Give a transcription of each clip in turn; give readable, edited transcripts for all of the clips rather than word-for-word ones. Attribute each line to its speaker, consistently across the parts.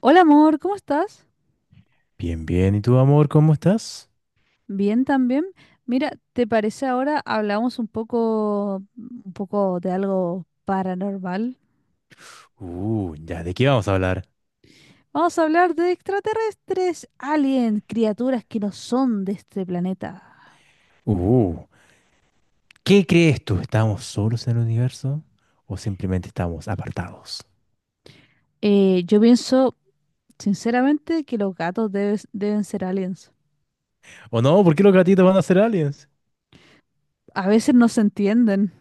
Speaker 1: Hola amor, ¿cómo estás?
Speaker 2: Bien, bien. ¿Y tú, amor, cómo estás?
Speaker 1: Bien también. Mira, ¿te parece ahora hablamos un poco de algo paranormal?
Speaker 2: Ya, ¿de qué vamos a hablar?
Speaker 1: Vamos a hablar de extraterrestres, aliens, criaturas que no son de este planeta.
Speaker 2: Uh, ¿Qué crees tú? ¿Estamos solos en el universo? ¿O simplemente estamos apartados?
Speaker 1: Yo pienso, sinceramente, que los gatos deben ser aliens.
Speaker 2: ¿O no? ¿Por qué los gatitos van a ser aliens?
Speaker 1: A veces no se entienden.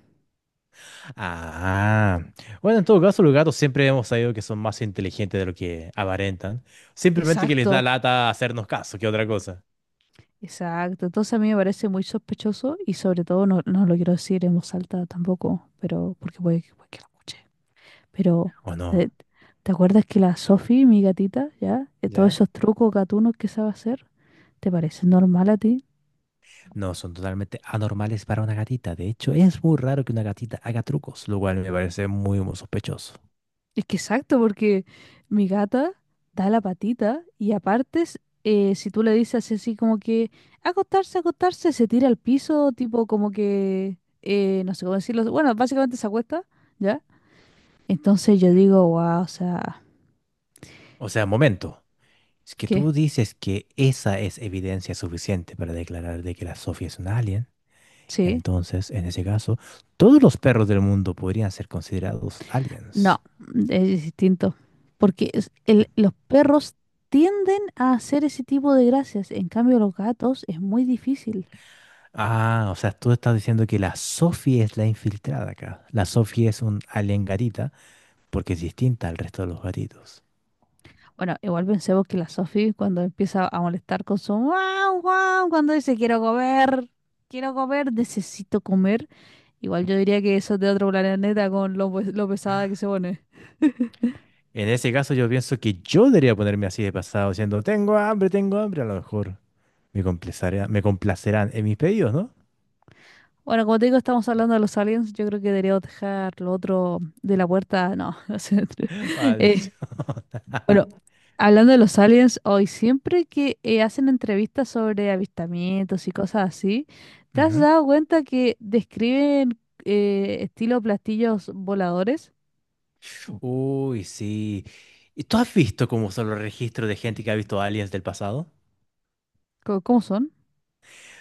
Speaker 2: Ah, bueno, en todo caso, los gatos siempre hemos sabido que son más inteligentes de lo que aparentan. Simplemente que les
Speaker 1: Exacto,
Speaker 2: da lata hacernos caso, que otra cosa.
Speaker 1: exacto. Entonces a mí me parece muy sospechoso y sobre todo no lo quiero decir en voz alta tampoco, pero porque puede que lo escuche. Pero,
Speaker 2: ¿O
Speaker 1: eh,
Speaker 2: no?
Speaker 1: ¿te acuerdas que la Sophie, mi gatita, ya, todos
Speaker 2: ¿Ya?
Speaker 1: esos trucos gatunos que sabe hacer, ¿te parece normal a ti?
Speaker 2: No, son totalmente anormales para una gatita. De hecho, es muy raro que una gatita haga trucos, lo cual me parece muy, muy sospechoso.
Speaker 1: Es que exacto, porque mi gata da la patita y aparte, si tú le dices así como que acostarse, acostarse, se tira al piso, tipo como que, no sé cómo decirlo, bueno, básicamente se acuesta, ¿ya? Entonces yo digo, wow, o sea,
Speaker 2: O sea, momento. Es que
Speaker 1: ¿qué?
Speaker 2: tú dices que esa es evidencia suficiente para declarar de que la Sofía es un alien.
Speaker 1: Sí.
Speaker 2: Entonces, en ese caso, todos los perros del mundo podrían ser considerados aliens.
Speaker 1: No, es distinto. Porque los perros tienden a hacer ese tipo de gracias. En cambio, los gatos es muy difícil.
Speaker 2: Ah, o sea, tú estás diciendo que la Sophie es la infiltrada acá. La Sophie es un alien gatita porque es distinta al resto de los gatitos.
Speaker 1: Bueno, igual pensemos que la Sophie cuando empieza a molestar con su guau, guau, cuando dice quiero comer, necesito comer. Igual yo diría que eso es de otro planeta con lo pesada que se pone.
Speaker 2: En ese caso, yo pienso que yo debería ponerme así de pasado, diciendo, tengo hambre, tengo hambre. A lo mejor me complacerán en mis pedidos, ¿no?
Speaker 1: Bueno, como te digo, estamos hablando de los aliens. Yo creo que deberíamos dejar lo otro de la puerta. No, no sé.
Speaker 2: Maldición.
Speaker 1: Eh, Bueno, hablando de los aliens, hoy siempre que hacen entrevistas sobre avistamientos y cosas así, ¿te has
Speaker 2: Ujú.
Speaker 1: dado cuenta que describen estilo platillos voladores?
Speaker 2: Uy, sí. ¿Y tú has visto cómo son los registros de gente que ha visto aliens del pasado?
Speaker 1: ¿Cómo, son?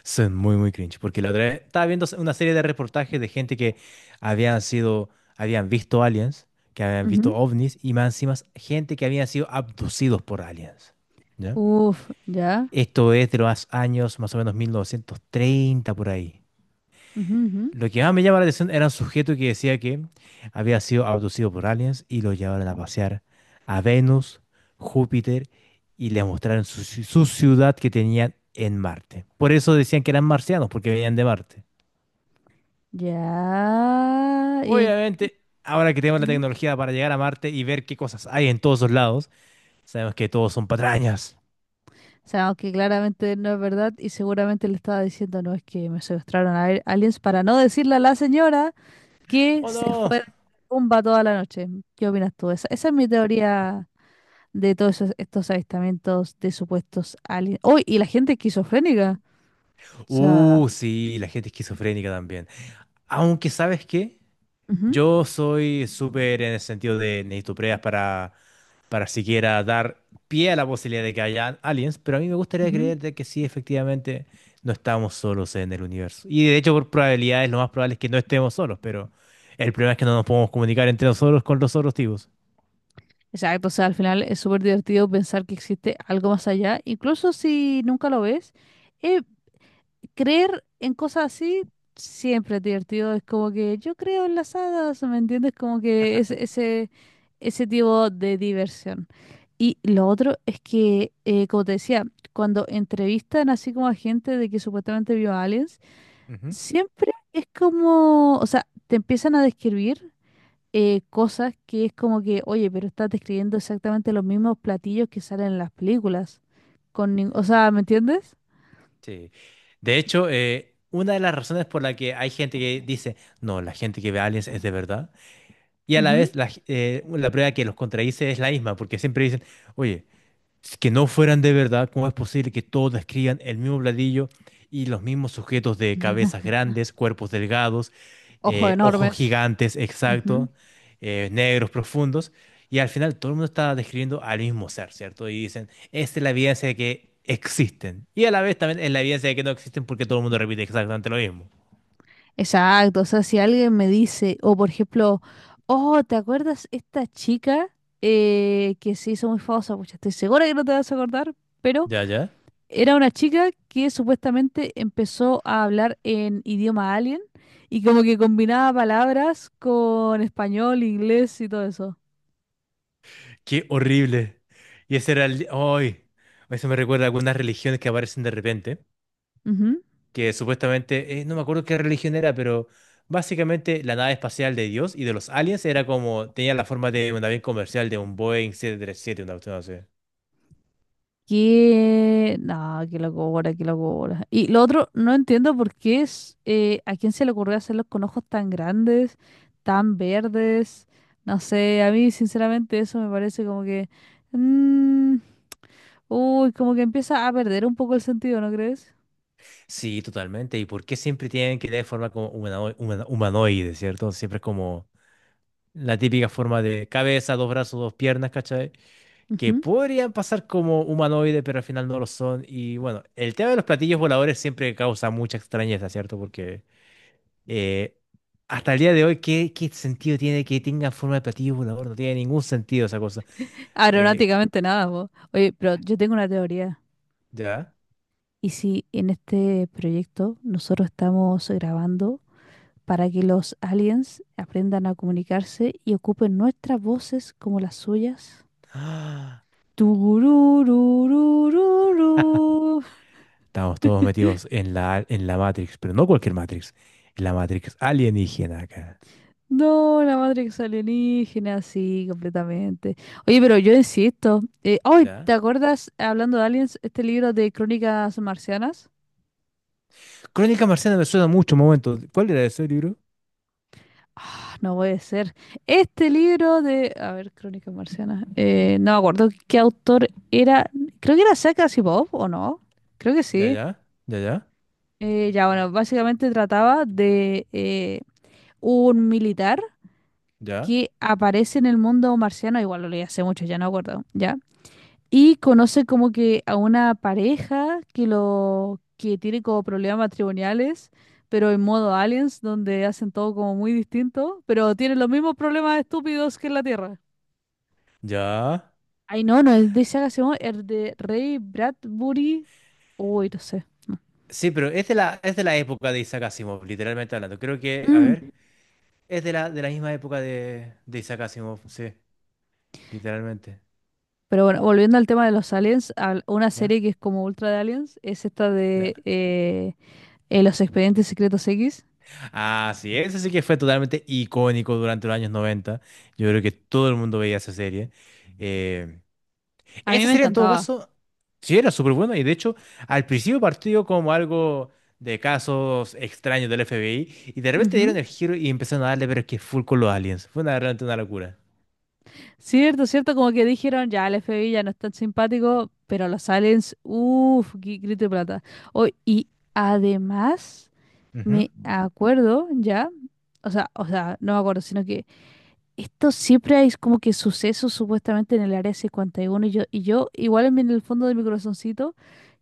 Speaker 2: Son muy, muy cringe, porque la otra vez estaba viendo una serie de reportajes de gente que habían sido, habían visto aliens, que habían visto
Speaker 1: Ujú.
Speaker 2: ovnis, y más encima gente que habían sido abducidos por aliens. ¿Ya?
Speaker 1: Uf, ya.
Speaker 2: Esto es de los años más o menos 1930 por ahí.
Speaker 1: Ujú, ujú.
Speaker 2: Lo que más me llama la atención era un sujeto que decía que había sido abducido por aliens y lo llevaron a pasear a Venus, Júpiter y le mostraron su, su ciudad que tenían en Marte. Por eso decían que eran marcianos, porque venían de Marte.
Speaker 1: Ya.
Speaker 2: Obviamente, ahora que tenemos la
Speaker 1: Ujú.
Speaker 2: tecnología para llegar a Marte y ver qué cosas hay en todos los lados, sabemos que todos son patrañas.
Speaker 1: O sea, aunque claramente no es verdad y seguramente le estaba diciendo, no, es que me secuestraron a aliens para no decirle a la señora que
Speaker 2: ¡Oh
Speaker 1: se
Speaker 2: no!
Speaker 1: fue de rumba toda la noche. ¿Qué opinas tú? Esa es mi teoría de estos avistamientos de supuestos aliens. ¡Oh! Y la gente esquizofrénica. O sea,
Speaker 2: Sí, la gente esquizofrénica también. Aunque, ¿sabes qué?
Speaker 1: ujú,
Speaker 2: Yo soy súper en el sentido de necesito pruebas para siquiera dar pie a la posibilidad de que haya aliens, pero a mí me gustaría
Speaker 1: ujú.
Speaker 2: creer de que sí, efectivamente, no estamos solos en el universo. Y de hecho, por probabilidades, lo más probable es que no estemos solos, pero el problema es que no nos podemos comunicar entre nosotros con los otros tipos.
Speaker 1: Exacto, o sea, al final es súper divertido pensar que existe algo más allá, incluso si nunca lo ves. Eh, Creer en cosas así siempre es divertido, es como que yo creo en las hadas, ¿me entiendes? Como que es, ese tipo de diversión. Y lo otro es que, como te decía, cuando entrevistan así como a gente de que supuestamente vio aliens,
Speaker 2: Ujú.
Speaker 1: siempre es como, o sea, te empiezan a describir cosas que es como que, oye, pero estás describiendo exactamente los mismos platillos que salen en las películas. O sea, ¿me entiendes?
Speaker 2: Sí. De hecho, una de las razones por la que hay gente que dice, no, la gente que ve aliens es de verdad, y a la
Speaker 1: Ujú.
Speaker 2: vez la, la prueba que los contradice es la misma, porque siempre dicen, oye, que no fueran de verdad, ¿cómo es posible que todos describan el mismo bladillo y los mismos sujetos de cabezas
Speaker 1: Ujú.
Speaker 2: grandes, cuerpos delgados,
Speaker 1: Ojos
Speaker 2: ojos
Speaker 1: enormes.
Speaker 2: gigantes,
Speaker 1: Ujú.
Speaker 2: exacto, negros profundos? Y al final todo el mundo está describiendo al mismo ser, ¿cierto? Y dicen, esta es la evidencia de que existen. Y a la vez también es la evidencia de que no existen porque todo el mundo repite exactamente lo mismo.
Speaker 1: Exacto, o sea, si alguien me dice, o por ejemplo, oh, ¿te acuerdas esta chica que se hizo muy famosa? Pues estoy segura que no te vas a acordar, pero
Speaker 2: Ya, ya.
Speaker 1: era una chica que supuestamente empezó a hablar en idioma alien y como que combinaba palabras con español, inglés y todo eso.
Speaker 2: Qué horrible. Y ese era el... ¡Ay! Eso me recuerda a algunas religiones que aparecen de repente
Speaker 1: Ujú.
Speaker 2: que supuestamente, no me acuerdo qué religión era, pero básicamente la nave espacial de Dios y de los aliens era como, tenía la forma de un avión comercial, de un Boeing 737, una cuestión así.
Speaker 1: Que... No, qué locura, qué locura. Y lo otro, no entiendo por qué es... ¿a quién se le ocurrió hacerlos con ojos tan grandes, tan verdes? No sé, a mí sinceramente eso me parece como que... mm, uy, como que empieza a perder un poco el sentido, ¿no crees?
Speaker 2: Sí, totalmente. ¿Y por qué siempre tienen que tener forma como humanoide, ¿cierto? Siempre es como la típica forma de cabeza, dos brazos, dos piernas, ¿cachai? Que podrían pasar como humanoide, pero al final no lo son. Y bueno, el tema de los platillos voladores siempre causa mucha extrañeza, ¿cierto? Porque... Eh, hasta el día de hoy, ¿qué, qué sentido tiene que tenga forma de platillo volador? No tiene ningún sentido esa cosa. Cu-
Speaker 1: Aeronáuticamente nada, po. Oye, pero yo tengo una teoría.
Speaker 2: ¿ya?
Speaker 1: ¿Y si en este proyecto nosotros estamos grabando para que los aliens aprendan a comunicarse y ocupen nuestras voces como las suyas?
Speaker 2: Ah,
Speaker 1: Tururururururu.
Speaker 2: estamos todos metidos en la Matrix, pero no cualquier Matrix. La Matrix alienígena acá.
Speaker 1: No, la Matrix alienígena, sí, completamente. Oye, pero yo insisto. Ay, ¿te
Speaker 2: ¿Ya?
Speaker 1: acuerdas, hablando de aliens, este libro de Crónicas Marcianas?
Speaker 2: Crónica Marciana me suena mucho, un momento. ¿Cuál era ese libro?
Speaker 1: Ah, no puede ser. Este libro de, a ver, Crónicas Marcianas. No me acuerdo qué autor era. Creo que era Isaac Asimov, ¿o no? Creo que
Speaker 2: Ya,
Speaker 1: sí.
Speaker 2: ya, ya, ya,
Speaker 1: Ya, bueno, básicamente trataba de un militar
Speaker 2: ya,
Speaker 1: que aparece en el mundo marciano. Igual lo leí hace mucho, ya no me acuerdo. Ya y conoce como que a una pareja que lo que tiene como problemas matrimoniales, pero en modo aliens, donde hacen todo como muy distinto, pero tienen los mismos problemas estúpidos que en la Tierra.
Speaker 2: ya.
Speaker 1: Ay, no, es de Isaac Asimov, es de Ray Bradbury. Uy, no sé.
Speaker 2: Sí, pero es de la época de Isaac Asimov, literalmente hablando. Creo que, a ver,
Speaker 1: Mm.
Speaker 2: es de la misma época de Isaac Asimov, sí, literalmente.
Speaker 1: Pero bueno, volviendo al tema de los aliens, una
Speaker 2: ¿Ya?
Speaker 1: serie que es como ultra de aliens es esta
Speaker 2: Ya.
Speaker 1: de Los Expedientes Secretos X.
Speaker 2: Así es, así que fue totalmente icónico durante los años 90. Yo creo que todo el mundo veía esa serie. Eh,
Speaker 1: A mí
Speaker 2: esa
Speaker 1: me
Speaker 2: serie, en todo
Speaker 1: encantaba.
Speaker 2: caso, sí era súper buena y de hecho, al principio partió como algo de casos extraños del FBI y de repente dieron
Speaker 1: Ujú.
Speaker 2: el giro y empezaron a darle, pero es que full con los aliens. Fue una, realmente una locura.
Speaker 1: Cierto, cierto, como que dijeron, ya el FBI ya no es tan simpático, pero los aliens, uff, grito de plata. Oh, y además,
Speaker 2: Ujú,
Speaker 1: me acuerdo ya, no me acuerdo, sino que esto siempre hay como que sucesos supuestamente en el área 51 y uno y yo igual en en el fondo de mi corazoncito,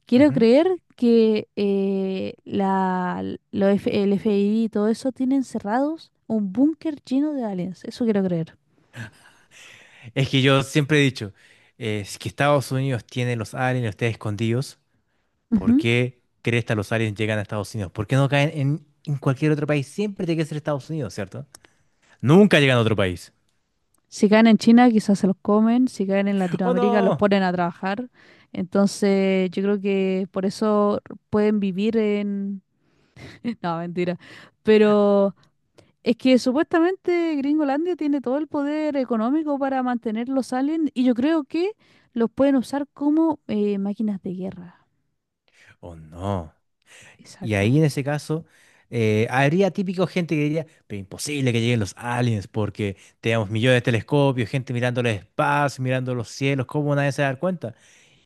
Speaker 1: quiero
Speaker 2: ujú.
Speaker 1: creer que la, el FBI y todo eso tienen cerrados un búnker lleno de aliens, eso quiero creer.
Speaker 2: Es que yo siempre he dicho, si es que Estados Unidos tiene los aliens, los tiene escondidos, ¿por qué crees que los aliens llegan a Estados Unidos? ¿Por qué no caen en cualquier otro país? Siempre tiene que ser Estados Unidos, ¿cierto? Nunca llegan a otro país.
Speaker 1: Si caen en China, quizás se los comen, si caen en
Speaker 2: ¡Oh
Speaker 1: Latinoamérica, los
Speaker 2: no!
Speaker 1: ponen a trabajar. Entonces, yo creo que por eso pueden vivir en... No, mentira. Pero es que supuestamente Gringolandia tiene todo el poder económico para mantener los aliens y yo creo que los pueden usar como máquinas de guerra.
Speaker 2: ¡Oh no! Y
Speaker 1: Exacto.
Speaker 2: ahí en ese caso, habría típico gente que diría, pero imposible que lleguen los aliens porque tenemos millones de telescopios, gente mirando el espacio, mirando los cielos, ¿cómo nadie se va a dar cuenta?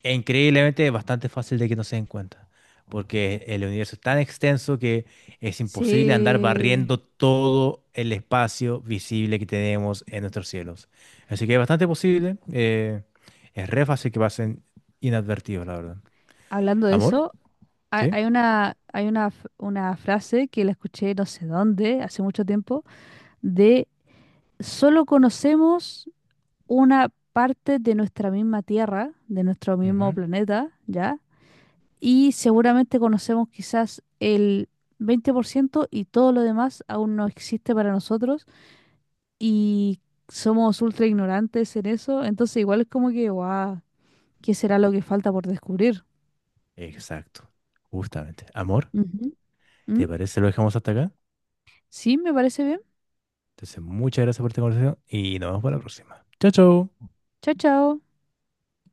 Speaker 2: E increíblemente es bastante fácil de que no se den cuenta, porque el universo es tan extenso que es imposible andar
Speaker 1: Sí,
Speaker 2: barriendo todo el espacio visible que tenemos en nuestros cielos. Así que es bastante posible, es re fácil que pasen inadvertidos, la verdad.
Speaker 1: hablando de
Speaker 2: ¿Amor?
Speaker 1: eso,
Speaker 2: Sí.
Speaker 1: hay una, una frase que la escuché no sé dónde, hace mucho tiempo, de solo conocemos una parte de nuestra misma Tierra, de nuestro mismo
Speaker 2: Ujú.
Speaker 1: planeta, ¿ya? Y seguramente conocemos quizás el 20% y todo lo demás aún no existe para nosotros y somos ultra ignorantes en eso, entonces igual es como que, guau, ¿qué será lo que falta por descubrir?
Speaker 2: Exacto, justamente. Amor,
Speaker 1: Ujú. ¿Mm?
Speaker 2: ¿te parece si lo dejamos hasta acá?
Speaker 1: Sí, me parece bien.
Speaker 2: Entonces, muchas gracias por esta conversación y nos vemos para la próxima. Chao, chao.
Speaker 1: Chao, chao.